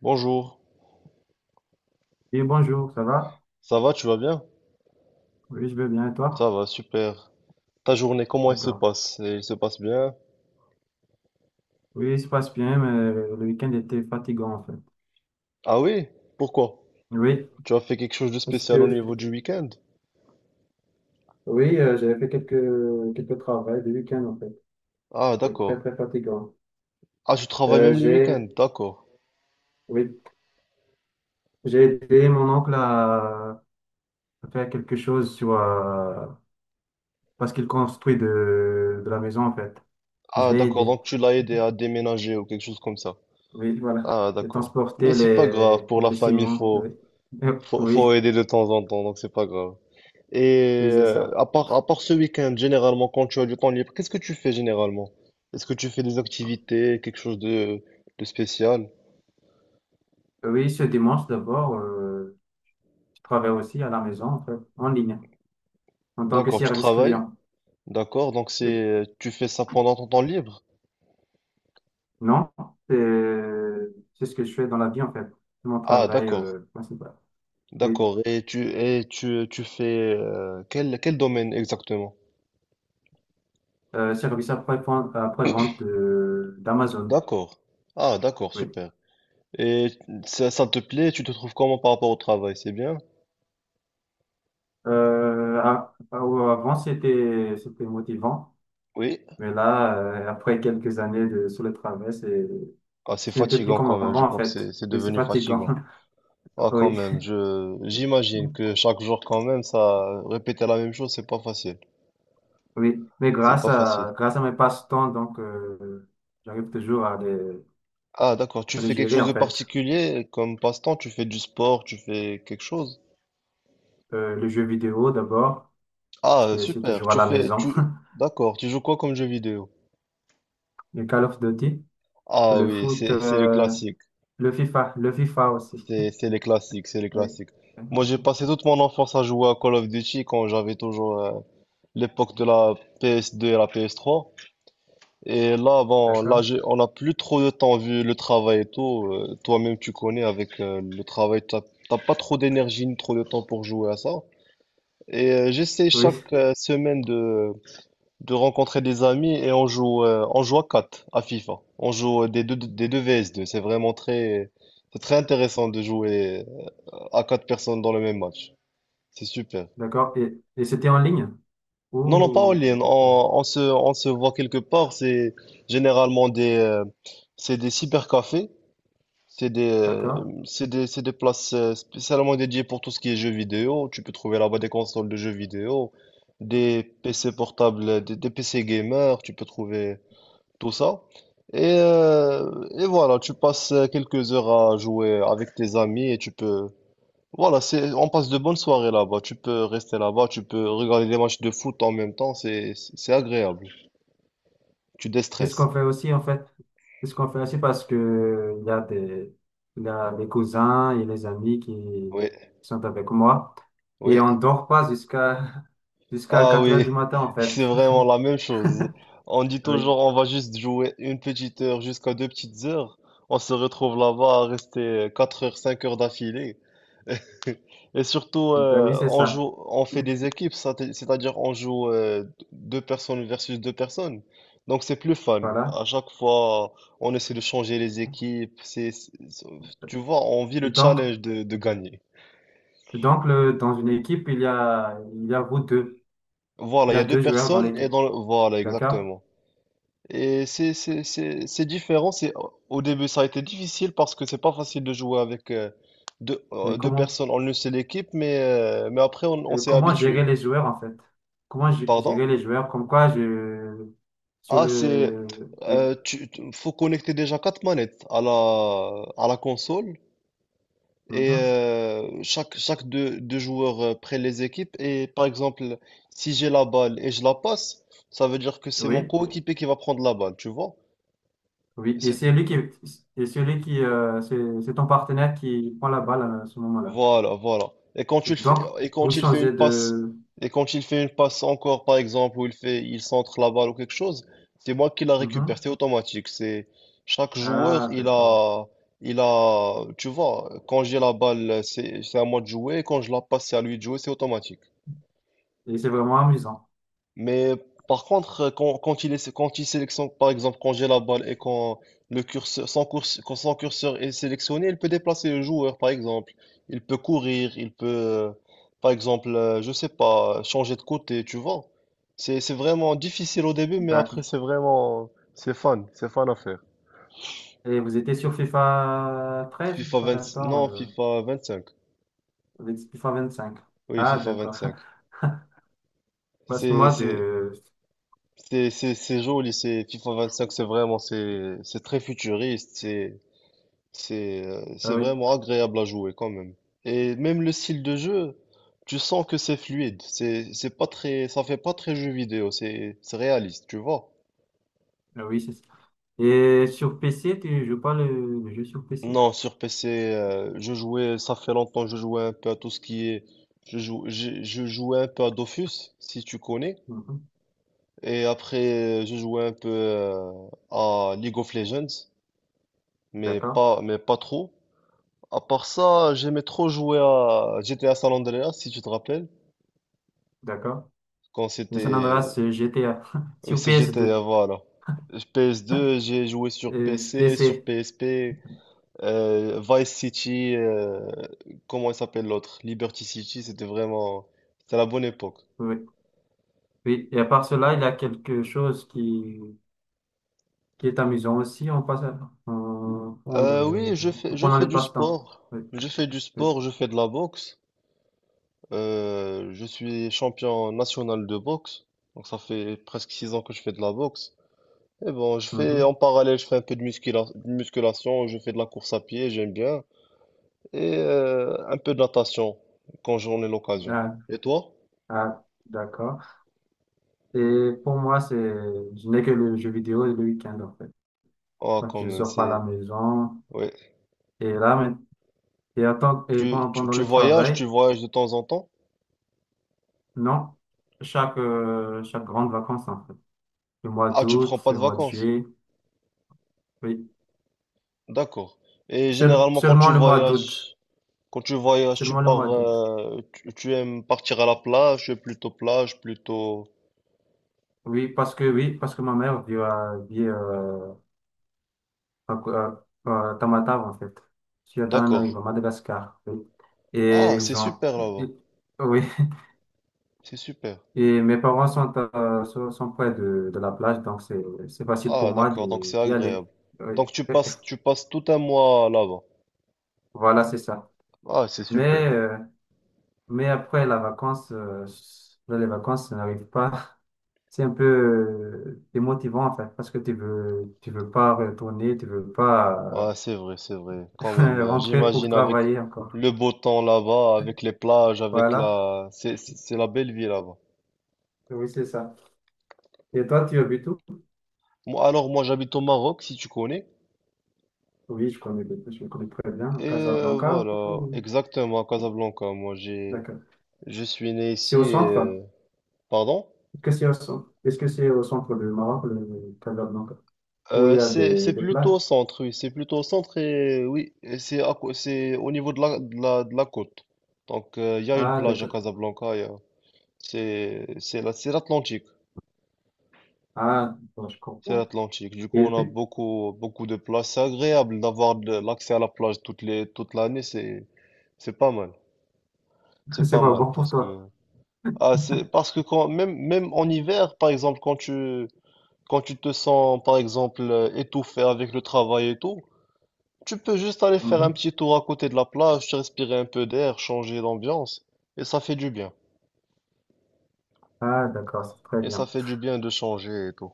Bonjour, Oui, bonjour, ça va? ça va, tu vas bien? Oui, je vais bien, et Ça toi? va, super. Ta journée, comment elle se D'accord. passe? Elle se passe bien? Oui, il se passe bien, mais le week-end était fatigant, en fait. Ah oui? Pourquoi? Oui, Tu as fait quelque chose de parce spécial au que, niveau du week-end? oui, j'avais fait quelques travaux le week-end, en fait. Ah C'est très, d'accord. très fatigant. Ah, tu travailles Euh, même le j'ai, week-end, d'accord. oui, j'ai aidé mon oncle à faire quelque chose sur, parce qu'il construit de la maison, en fait. Je Ah l'ai d'accord, aidé. donc tu l'as aidé à déménager ou quelque chose comme ça. Oui, voilà. Ah Et d'accord. Mais transporter c'est pas grave, pour la les famille, ciments, oui. faut, faut, faut Oui, aider de temps en temps, donc c'est pas grave. Et oui, c'est ça. à part ce week-end, généralement, quand tu as du temps libre, qu'est-ce que tu fais généralement? Est-ce que tu fais des activités, quelque chose de spécial? Oui, ce dimanche d'abord. Travaille aussi à la maison, en fait, en ligne, en tant que D'accord, tu service travailles? client. D'accord, donc Oui. Tu fais ça pendant ton temps libre? Non, c'est c'est ce que je fais dans la vie, en fait. C'est mon Ah, travail d'accord, principal. Oui. d'accord. Tu fais quel domaine exactement? Service après-vente d'Amazon. D'accord. Ah, d'accord, Oui. super. Et ça te plaît? Tu te trouves comment par rapport au travail? C'est bien? Euh, a- a- avant, c'était motivant. Oui. Mais là, après quelques années de, sur le travail, c'est, Ah, c'est ce n'était plus fatigant comme quand même. Je avant, en crois que fait. c'est Oui, c'est devenu fatigant. fatigant. Ah, quand Oui. même, j'imagine que chaque jour, quand même, ça, répéter la même chose, c'est pas facile. Oui, mais C'est grâce pas facile. à, grâce à mes passe-temps, donc, j'arrive toujours à les, Ah, d'accord. Tu le fais quelque gérer chose en de fait. particulier comme passe-temps? Tu fais du sport? Tu fais quelque chose? Le jeu vidéo d'abord, Ah, parce que je suis super. toujours à la maison. D'accord. Tu joues quoi comme jeu vidéo? Le Call of Duty, Ah le oui, foot, c'est le classique. Le FIFA aussi. C'est les classiques, c'est les Oui. classiques. Moi, j'ai passé toute mon enfance à jouer à Call of Duty quand j'avais toujours, l'époque de la PS2 et la PS3. Et là, bon, D'accord. On n'a plus trop de temps vu le travail et tout. Toi-même, tu connais avec le travail, t'as pas trop d'énergie ni trop de temps pour jouer à ça. Et j'essaie Oui, chaque semaine de rencontrer des amis et on joue à 4 à FIFA. On joue des deux vs. C'est très intéressant de jouer à quatre personnes dans le même match. C'est super. d'accord. Et c'était en ligne? Non, non, pas en Ouh, ligne. d'accord. On se voit quelque part. C'est généralement des cybercafés. C'est des, euh, D'accord. c'est des places spécialement dédiées pour tout ce qui est jeux vidéo. Tu peux trouver là-bas des consoles de jeux vidéo, des PC portables, des PC gamers, tu peux trouver tout ça. Et, voilà, tu passes quelques heures à jouer avec tes amis et tu peux. Voilà, on passe de bonnes soirées là-bas. Tu peux rester là-bas, tu peux regarder des matchs de foot en même temps, c'est agréable. Tu C'est ce qu'on déstresses. fait aussi en fait. C'est ce qu'on fait aussi parce que il y a des, il y a des cousins et les amis qui Oui, sont avec moi. Et oui. on dort pas jusqu'à jusqu'à Ah 4 heures oui, du matin en c'est fait. vraiment la même chose. On dit toujours Oui. on va juste jouer une petite heure jusqu'à deux petites heures. On se retrouve là-bas à rester 4 heures, 5 heures d'affilée. Et surtout, Ben oui, c'est ça. On fait des équipes, c'est-à-dire on joue deux personnes versus deux personnes. Donc c'est plus fun. Voilà. À chaque fois, on essaie de changer les équipes. Tu vois, on vit le Donc, challenge de gagner. donc le, dans une équipe, il y a vous deux. Voilà, Il il y y a a deux deux joueurs dans personnes et l'équipe. Voilà, D'accord? exactement. Et c'est différent. C'est, au début, ça a été difficile parce que c'est pas facile de jouer avec Et deux comment, personnes en une seule équipe, mais après, on et s'est comment gérer habitué. les joueurs, en fait? Pardon? Gérer les joueurs? Comme quoi, je, sur Ah, c'est. le, oui, Faut connecter déjà quatre manettes à la console et mhm, chaque deux joueurs prennent les équipes. Et par exemple, si j'ai la balle et je la passe, ça veut dire que c'est mon oui, coéquipier qui va prendre la balle, tu vois? oui. Et C'est- c'est lui qui, et celui qui, c'est ton partenaire qui prend la balle à ce moment-là. Voilà, voilà. Donc, Et vous quand il fait une changez passe, de, et quand il fait une passe encore, par exemple, il centre la balle ou quelque chose, c'est moi qui la récupère, mhm. c'est automatique. C'est chaque joueur, Ah, d'accord. Tu vois, quand j'ai la balle, c'est à moi de jouer, et quand je la passe, c'est à lui de jouer, c'est automatique. Et c'est vraiment amusant. Mais par contre, quand il sélectionne, par exemple, quand j'ai la balle et quand le curseur, son course, quand son curseur est sélectionné, il peut déplacer le joueur, par exemple. Il peut courir, il peut, par exemple, je sais pas, changer de côté, tu vois. C'est vraiment difficile au début, mais D'accord. après, c'est fun à faire. Et vous étiez sur FIFA 13 ou FIFA FIFA 20 14? non, FIFA vingt cinq. Vous étiez FIFA 25. Oui, Ah, FIFA vingt d'accord. cinq. Parce que C'est, moi, c'est, de... c'est joli, c'est FIFA vingt cinq. C'est très futuriste. Ah C'est oui, vraiment agréable à jouer quand même. Et même le style de jeu, tu sens que c'est fluide. C'est pas très, ça fait pas très jeu vidéo. C'est réaliste, tu vois. ah oui, c'est ça. Et sur PC, tu joues pas le, le jeu sur PC. Non, sur PC, je jouais, ça fait longtemps, je jouais un peu à tout ce qui est, je jouais un peu à Dofus, si tu connais. Mhm. Et après, je jouais un peu à League of Legends, D'accord, mais pas trop. À part ça, j'aimais trop jouer à GTA San Andreas, si tu te rappelles d'accord. quand Le San c'était. Andreas GTA Oui, sur c'est GTA, PS2. voilà. PS2, j'ai joué sur P C sur PC, P PSP, Vice City, comment il s'appelle l'autre? Liberty City, c'était vraiment. C'était la bonne époque. oui. Oui, et à part cela, il y a quelque chose qui est amusant aussi. On passe à prendre le, Oui, je pendant fais le du passe-temps. sport. Oui, Je fais du oui. sport, je fais de la boxe. Je suis champion national de boxe. Donc ça fait presque 6 ans que je fais de la boxe. Et bon, je fais Mhm. en parallèle, je fais un peu de de musculation, je fais de la course à pied, j'aime bien. Et un peu de natation quand j'en ai l'occasion. Ah, Et toi? ah, d'accord. Et pour moi, c'est, je n'ai que le jeu vidéo et le week-end, en fait. Ah, Donc, quand je même, sors pas à la c'est. maison. Ouais. Et là, mais- et, attends, et Tu, pendant, tu, pendant le tu travail, voyages de temps en temps? non. Chaque, chaque grande vacances, en fait. Le mois Ah, tu prends d'août, pas le de mois de vacances. juillet, oui. D'accord. Et généralement, Seulement le mois d'août. Quand tu voyages, tu Seulement le pars, mois d'août. Tu aimes partir à la plage, tu es plutôt plage, plutôt. Oui, parce que ma mère vit à, à, à- à Tamatave, en fait. Sur D'accord. Tananarive, à Madagascar. Oui. Et Ah, c'est ils ont, super là-bas. oui. C'est super. Et mes parents sont, à- sont sont près de la plage, donc c'est facile pour Ah, moi d'accord, donc c'est d'y agréable. aller. Oui. Donc tu passes tout un mois là-bas. Voilà, c'est ça. Ah, c'est Mais, super. euh, mais après la vacance, là, les vacances, ça n'arrive pas. C'est un peu démotivant, en fait, parce que tu veux pas retourner, tu veux Ah, pas c'est vrai, c'est vrai. Quand même, rentrer pour j'imagine avec travailler encore. le beau temps là-bas, avec les plages, Voilà, c'est la belle vie là-bas. oui, c'est ça. Et toi, tu habites où? Moi, alors, moi, j'habite au Maroc, si tu connais. Oui, je connais très bien Et Casablanca. voilà, Ou- exactement, à Casablanca. D'accord. Je suis né C'est ici au centre? Pardon? Que c'est au centre? Est-ce que c'est au centre du Maroc, le Casablanca, où il y a C'est des plutôt plages? au centre, oui. C'est plutôt au centre et oui, et c'est au niveau de la côte. Donc, il y a une Ah, plage à d'accord. Casablanca. Il y a- c'est la- c'est l'Atlantique. Ah, bon, je C'est comprends. l'Atlantique. Du Et coup, le on a pi- beaucoup, beaucoup de plages. C'est agréable d'avoir de l'accès à la plage toute l'année. C'est pas mal. C'est c'est pas pas mal bon pour toi. Parce que quand, même en hiver, par exemple, quand tu te sens, par exemple, étouffé avec le travail et tout, tu peux juste aller faire un Mhm. petit tour à côté de la plage, respirer un peu d'air, changer d'ambiance. Et ça fait du bien. Ah, d'accord, c'est très Et ça bien. fait du bien de changer et tout.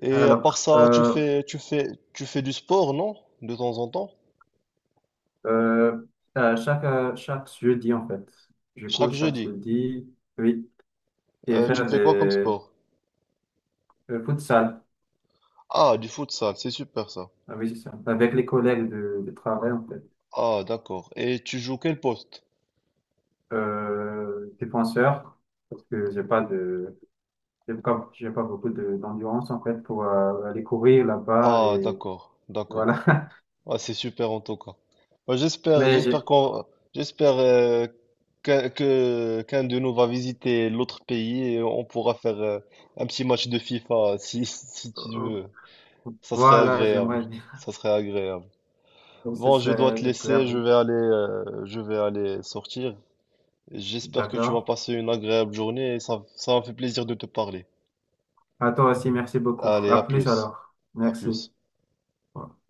Et à part Alors, ça, euh, tu fais du sport, non? De temps en temps? euh, chaque, chaque jeudi, en fait, du coup, Chaque chaque jeudi. jeudi, oui, et Tu faire fais quoi comme des sport? Futsal, Ah, du futsal, c'est super ça. ah, oui, c'est ça, avec les collègues de travail, en fait. Ah, d'accord. Et tu joues quel poste? Défenseur, parce que j'ai pas, j'ai pas beaucoup d'endurance en fait pour aller courir là-bas Ah, et d'accord, d'accord. voilà. Ah, c'est super en tout cas. Bah, Mais j'ai, j'espère qu'un de nous va visiter l'autre pays et on pourra faire un petit match de FIFA si, si tu euh, veux. Ça serait voilà, agréable. j'aimerais bien. Ça serait agréable. Donc ce Bon, je serait dois te laisser. Agréable. Je vais aller sortir. J'espère que tu vas D'accord. passer une agréable journée et ça m'a fait plaisir de te parler. À toi aussi, merci beaucoup. Allez, À à plus plus. alors. À Merci. plus. Ouais.